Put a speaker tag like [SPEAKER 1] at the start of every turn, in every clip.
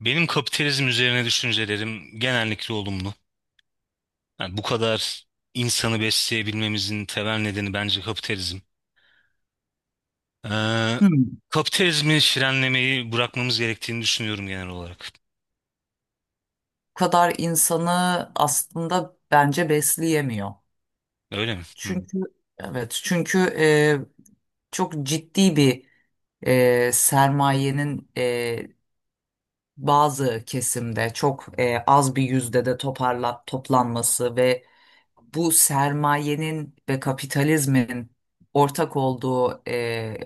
[SPEAKER 1] Benim kapitalizm üzerine düşüncelerim genellikle olumlu. Yani bu kadar insanı besleyebilmemizin temel nedeni bence kapitalizm. Ee,
[SPEAKER 2] Hmm.
[SPEAKER 1] Kapitalizmi frenlemeyi bırakmamız gerektiğini düşünüyorum genel olarak.
[SPEAKER 2] Bu kadar insanı aslında bence besleyemiyor.
[SPEAKER 1] Öyle mi? Hı.
[SPEAKER 2] Çünkü evet çünkü çok ciddi bir sermayenin bazı kesimde çok az bir yüzde de toplanması ve bu sermayenin ve kapitalizmin ortak olduğu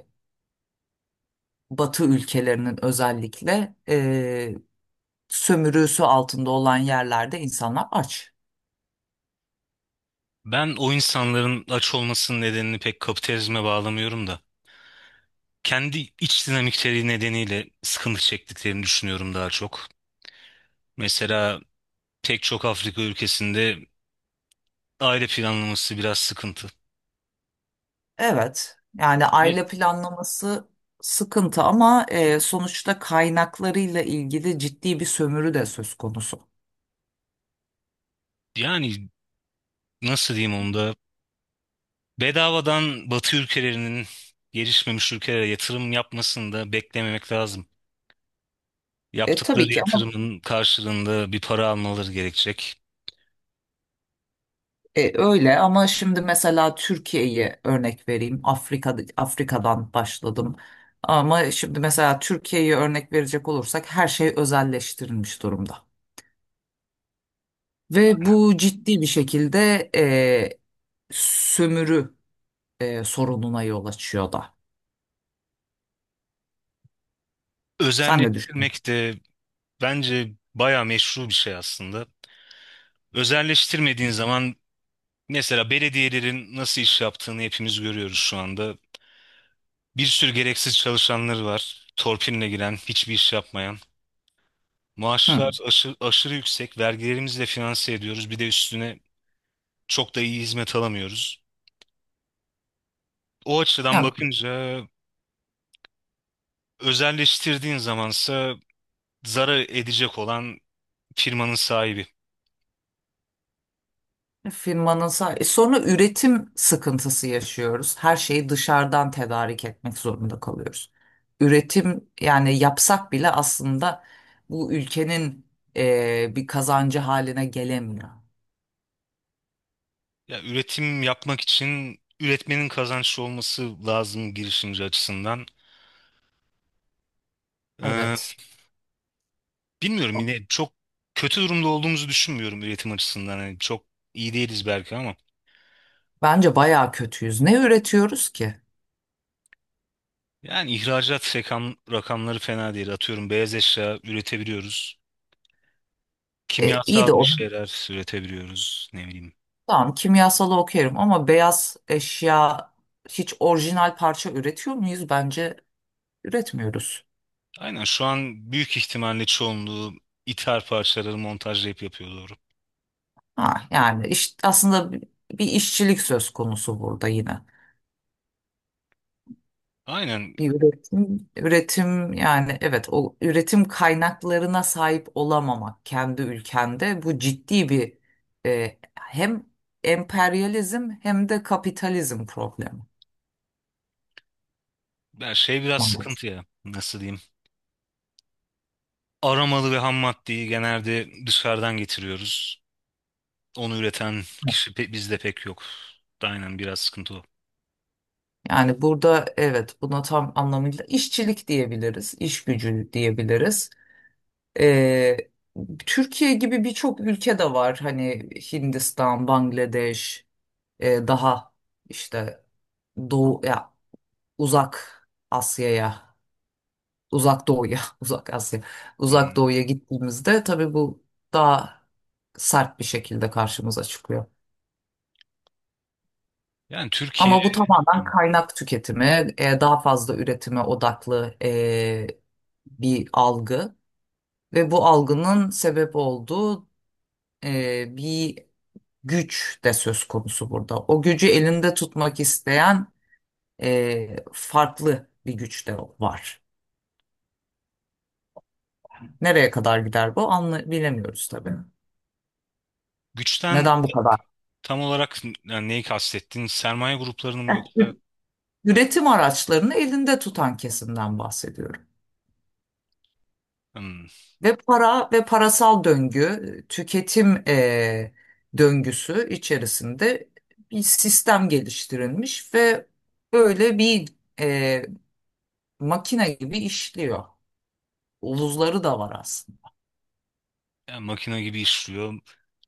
[SPEAKER 2] Batı ülkelerinin özellikle sömürüsü altında olan yerlerde insanlar aç.
[SPEAKER 1] Ben o insanların aç olmasının nedenini pek kapitalizme bağlamıyorum da. Kendi iç dinamikleri nedeniyle sıkıntı çektiklerini düşünüyorum daha çok. Mesela pek çok Afrika ülkesinde aile planlaması biraz sıkıntı.
[SPEAKER 2] Evet, yani
[SPEAKER 1] Ne-
[SPEAKER 2] aile planlaması sıkıntı ama sonuçta kaynaklarıyla ilgili ciddi bir sömürü de söz konusu.
[SPEAKER 1] Yani nasıl diyeyim onu da? Bedavadan Batı ülkelerinin gelişmemiş ülkelere yatırım yapmasını da beklememek lazım.
[SPEAKER 2] Tabii
[SPEAKER 1] Yaptıkları
[SPEAKER 2] ki ama
[SPEAKER 1] yatırımın karşılığında bir para almaları gerekecek.
[SPEAKER 2] öyle ama şimdi mesela Türkiye'yi örnek vereyim. Afrika'dan başladım. Ama şimdi mesela Türkiye'yi örnek verecek olursak her şey özelleştirilmiş durumda. Ve bu ciddi bir şekilde sömürü sorununa yol açıyor da. Sen ne düşünüyorsun?
[SPEAKER 1] Özelleştirmek de bence bayağı meşru bir şey aslında. Özelleştirmediğin zaman mesela belediyelerin nasıl iş yaptığını hepimiz görüyoruz şu anda. Bir sürü gereksiz çalışanları var. Torpiline giren, hiçbir iş yapmayan.
[SPEAKER 2] Hı.
[SPEAKER 1] Maaşlar aşırı yüksek, vergilerimizle finanse ediyoruz. Bir de üstüne çok da iyi hizmet alamıyoruz. O açıdan
[SPEAKER 2] Ya
[SPEAKER 1] bakınca özelleştirdiğin zamansa zarar edecek olan firmanın sahibi.
[SPEAKER 2] Sonra üretim sıkıntısı yaşıyoruz. Her şeyi dışarıdan tedarik etmek zorunda kalıyoruz. Üretim yani yapsak bile aslında bu ülkenin bir kazancı haline gelemiyor.
[SPEAKER 1] Ya üretim yapmak için üretmenin kazançlı olması lazım girişimci açısından. Ee,
[SPEAKER 2] Evet.
[SPEAKER 1] Bilmiyorum yine çok kötü durumda olduğumuzu düşünmüyorum üretim açısından. Yani çok iyi değiliz belki ama.
[SPEAKER 2] Bence bayağı kötüyüz. Ne üretiyoruz ki?
[SPEAKER 1] Yani ihracat rakamları fena değil. Atıyorum beyaz eşya üretebiliyoruz.
[SPEAKER 2] İyi
[SPEAKER 1] Kimyasal
[SPEAKER 2] de
[SPEAKER 1] bir
[SPEAKER 2] o.
[SPEAKER 1] şeyler üretebiliyoruz. Ne bileyim.
[SPEAKER 2] Tamam kimyasalı okuyorum ama beyaz eşya hiç orijinal parça üretiyor muyuz? Bence üretmiyoruz.
[SPEAKER 1] Aynen, şu an büyük ihtimalle çoğunluğu ithal parçaları montajlayıp yapıyor doğru.
[SPEAKER 2] Ha, yani aslında bir işçilik söz konusu burada yine.
[SPEAKER 1] Aynen,
[SPEAKER 2] Bir üretim yani evet o üretim kaynaklarına sahip olamamak kendi ülkende bu ciddi bir hem emperyalizm hem de kapitalizm problemi.
[SPEAKER 1] ya şey biraz
[SPEAKER 2] Maalesef.
[SPEAKER 1] sıkıntı ya nasıl diyeyim. Aramalı ve ham maddeyi genelde dışarıdan getiriyoruz. Onu üreten kişi bizde pek yok. Aynen biraz sıkıntı o.
[SPEAKER 2] Yani burada evet buna tam anlamıyla işçilik diyebiliriz, iş gücü diyebiliriz. E, Türkiye gibi birçok ülke de var hani Hindistan, Bangladeş. Daha işte doğu ya uzak Asya'ya, uzak doğuya, uzak Asya,
[SPEAKER 1] Hı.
[SPEAKER 2] uzak doğuya gittiğimizde tabii bu daha sert bir şekilde karşımıza çıkıyor.
[SPEAKER 1] Yani Türkiye
[SPEAKER 2] Ama bu tamamen
[SPEAKER 1] hmm,
[SPEAKER 2] kaynak tüketimi, daha fazla üretime odaklı bir algı ve bu algının sebep olduğu bir güç de söz konusu burada. O gücü elinde tutmak isteyen farklı bir güç de var. Nereye kadar gider bu anla bilemiyoruz tabii.
[SPEAKER 1] güçten
[SPEAKER 2] Neden bu kadar?
[SPEAKER 1] tam olarak yani neyi kastettin? Sermaye gruplarını mı, yoksa
[SPEAKER 2] Üretim araçlarını elinde tutan kesimden bahsediyorum.
[SPEAKER 1] hmm,
[SPEAKER 2] Ve para ve parasal döngü, tüketim döngüsü içerisinde bir sistem geliştirilmiş ve böyle bir eee, makine gibi işliyor. Uluzları da var aslında.
[SPEAKER 1] ya makine gibi işliyor.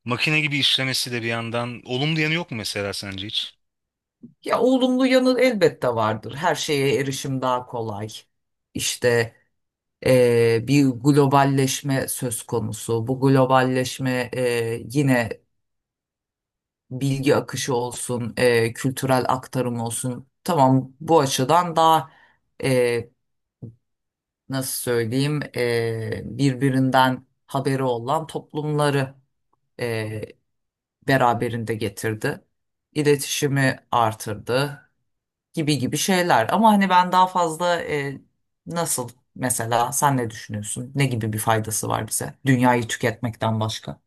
[SPEAKER 1] Makine gibi işlemesi de bir yandan olumlu yanı yok mu mesela sence hiç?
[SPEAKER 2] Ya olumlu yanı elbette vardır. Her şeye erişim daha kolay. İşte bir globalleşme söz konusu. Bu globalleşme yine bilgi akışı olsun, kültürel aktarım olsun. Tamam, bu açıdan daha e, nasıl söyleyeyim birbirinden haberi olan toplumları e, beraberinde getirdi. İletişimi artırdı. Gibi gibi şeyler. Ama hani ben daha fazla nasıl mesela sen ne düşünüyorsun? Ne gibi bir faydası var bize? Dünyayı tüketmekten başka.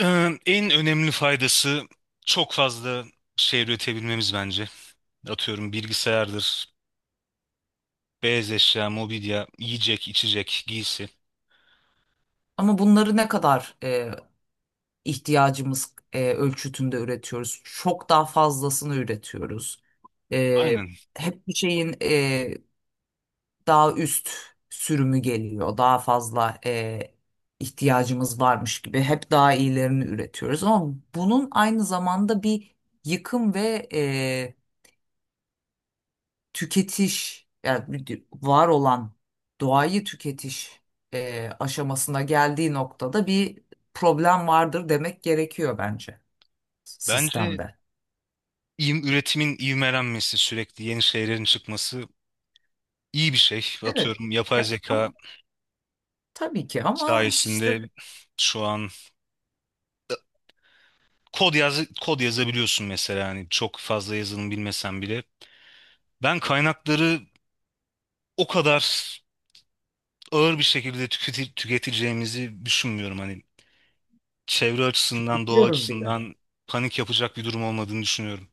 [SPEAKER 1] En önemli faydası çok fazla şey üretebilmemiz bence. Atıyorum bilgisayardır, beyaz eşya, mobilya, yiyecek, içecek, giysi.
[SPEAKER 2] Ama bunları ne kadar ihtiyacımız ölçütünde üretiyoruz? Çok daha fazlasını üretiyoruz. E,
[SPEAKER 1] Aynen.
[SPEAKER 2] Hep bir şeyin daha üst sürümü geliyor. Daha fazla ihtiyacımız varmış gibi hep daha iyilerini üretiyoruz. Ama bunun aynı zamanda bir yıkım ve tüketiş yani var olan doğayı tüketiş aşamasına geldiği noktada bir problem vardır demek gerekiyor bence
[SPEAKER 1] Bence
[SPEAKER 2] sistemde.
[SPEAKER 1] üretimin ivmelenmesi, sürekli yeni şeylerin çıkması iyi bir şey.
[SPEAKER 2] Evet.
[SPEAKER 1] Atıyorum yapay
[SPEAKER 2] Ya, ama
[SPEAKER 1] zeka
[SPEAKER 2] tabii ki ama işte
[SPEAKER 1] sayesinde şu an kod yazabiliyorsun mesela hani çok fazla yazılım bilmesen bile. Ben kaynakları o kadar ağır bir şekilde tüketeceğimizi düşünmüyorum hani çevre açısından, doğa
[SPEAKER 2] tüketiyoruz bile.
[SPEAKER 1] açısından panik yapacak bir durum olmadığını düşünüyorum.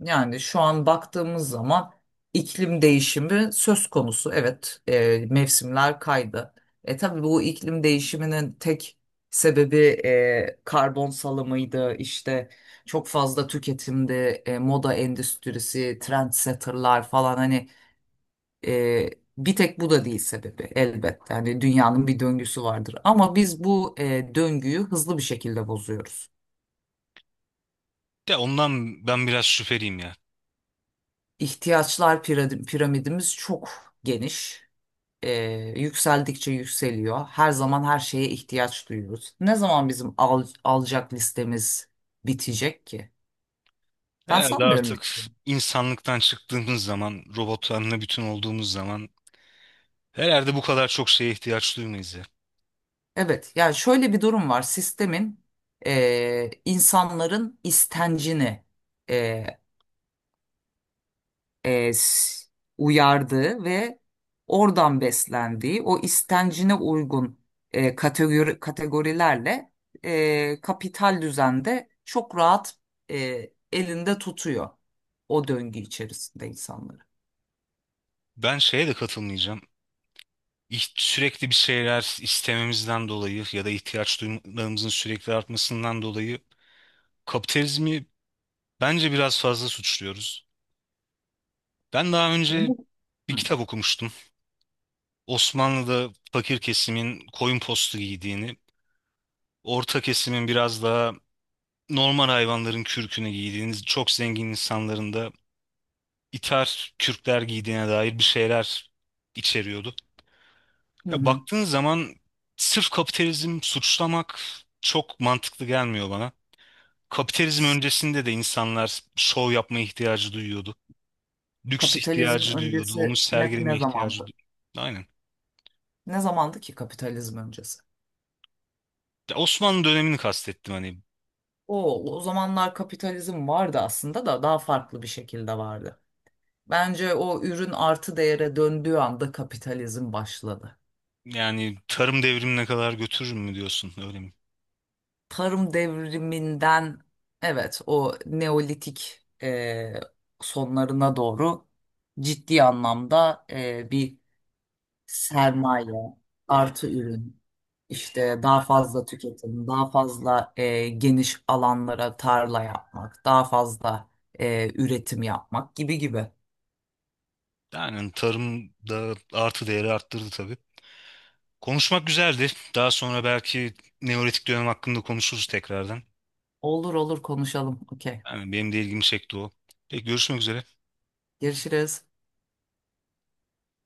[SPEAKER 2] Yani şu an baktığımız zaman iklim değişimi söz konusu. Evet, mevsimler kaydı. E tabii bu iklim değişiminin tek sebebi karbon salımıydı. İşte çok fazla tüketimdi, moda endüstrisi, trendsetterlar falan hani e, bir tek bu da değil sebebi elbette. Yani dünyanın bir döngüsü vardır. Ama biz bu döngüyü hızlı bir şekilde bozuyoruz.
[SPEAKER 1] Ya ondan ben biraz şüpheliyim ya.
[SPEAKER 2] İhtiyaçlar piramidimiz çok geniş. e, Yükseldikçe yükseliyor. Her zaman her şeye ihtiyaç duyuyoruz. Ne zaman bizim alacak listemiz bitecek ki? Ben
[SPEAKER 1] Herhalde
[SPEAKER 2] sanmıyorum
[SPEAKER 1] artık
[SPEAKER 2] biteceğini.
[SPEAKER 1] insanlıktan çıktığımız zaman, robotlarla bütün olduğumuz zaman herhalde bu kadar çok şeye ihtiyaç duymayız ya.
[SPEAKER 2] Evet, yani şöyle bir durum var. Sistemin insanların istencini e, e, s- uyardığı ve oradan beslendiği o istencine uygun kategorilerle kapital düzende çok rahat elinde tutuyor o döngü içerisinde insanları.
[SPEAKER 1] Ben şeye de katılmayacağım. Sürekli bir şeyler istememizden dolayı ya da ihtiyaç duymalarımızın sürekli artmasından dolayı kapitalizmi bence biraz fazla suçluyoruz. Ben daha
[SPEAKER 2] Hı.
[SPEAKER 1] önce bir
[SPEAKER 2] Hı.
[SPEAKER 1] kitap okumuştum. Osmanlı'da fakir kesimin koyun postu giydiğini, orta kesimin biraz daha normal hayvanların kürkünü giydiğini, çok zengin insanların da iter kürkler giydiğine dair bir şeyler içeriyordu.
[SPEAKER 2] Hı
[SPEAKER 1] Ya
[SPEAKER 2] hı.
[SPEAKER 1] baktığın zaman sırf kapitalizm suçlamak çok mantıklı gelmiyor bana. Kapitalizm öncesinde de insanlar şov yapma ihtiyacı duyuyordu. Lüks
[SPEAKER 2] Kapitalizm
[SPEAKER 1] ihtiyacı duyuyordu. Onu
[SPEAKER 2] öncesi
[SPEAKER 1] sergileme
[SPEAKER 2] ne
[SPEAKER 1] ihtiyacı
[SPEAKER 2] zamandı?
[SPEAKER 1] duyuyordu. Aynen.
[SPEAKER 2] Ne zamandı ki kapitalizm öncesi?
[SPEAKER 1] Ya Osmanlı dönemini kastettim hani.
[SPEAKER 2] O zamanlar kapitalizm vardı aslında da daha farklı bir şekilde vardı. Bence o ürün artı değere döndüğü anda kapitalizm başladı.
[SPEAKER 1] Yani tarım devrimine kadar götürür mü diyorsun, öyle mi?
[SPEAKER 2] Tarım devriminden evet o Neolitik sonlarına doğru ciddi anlamda bir sermaye artı ürün işte daha fazla tüketim daha fazla geniş alanlara tarla yapmak daha fazla üretim yapmak gibi gibi.
[SPEAKER 1] Yani tarım da artı değeri arttırdı tabii. Konuşmak güzeldi. Daha sonra belki Neolitik dönem hakkında konuşuruz tekrardan.
[SPEAKER 2] Olur olur konuşalım. Okey.
[SPEAKER 1] Yani benim de ilgimi çekti o. Peki, görüşmek üzere.
[SPEAKER 2] Görüşürüz.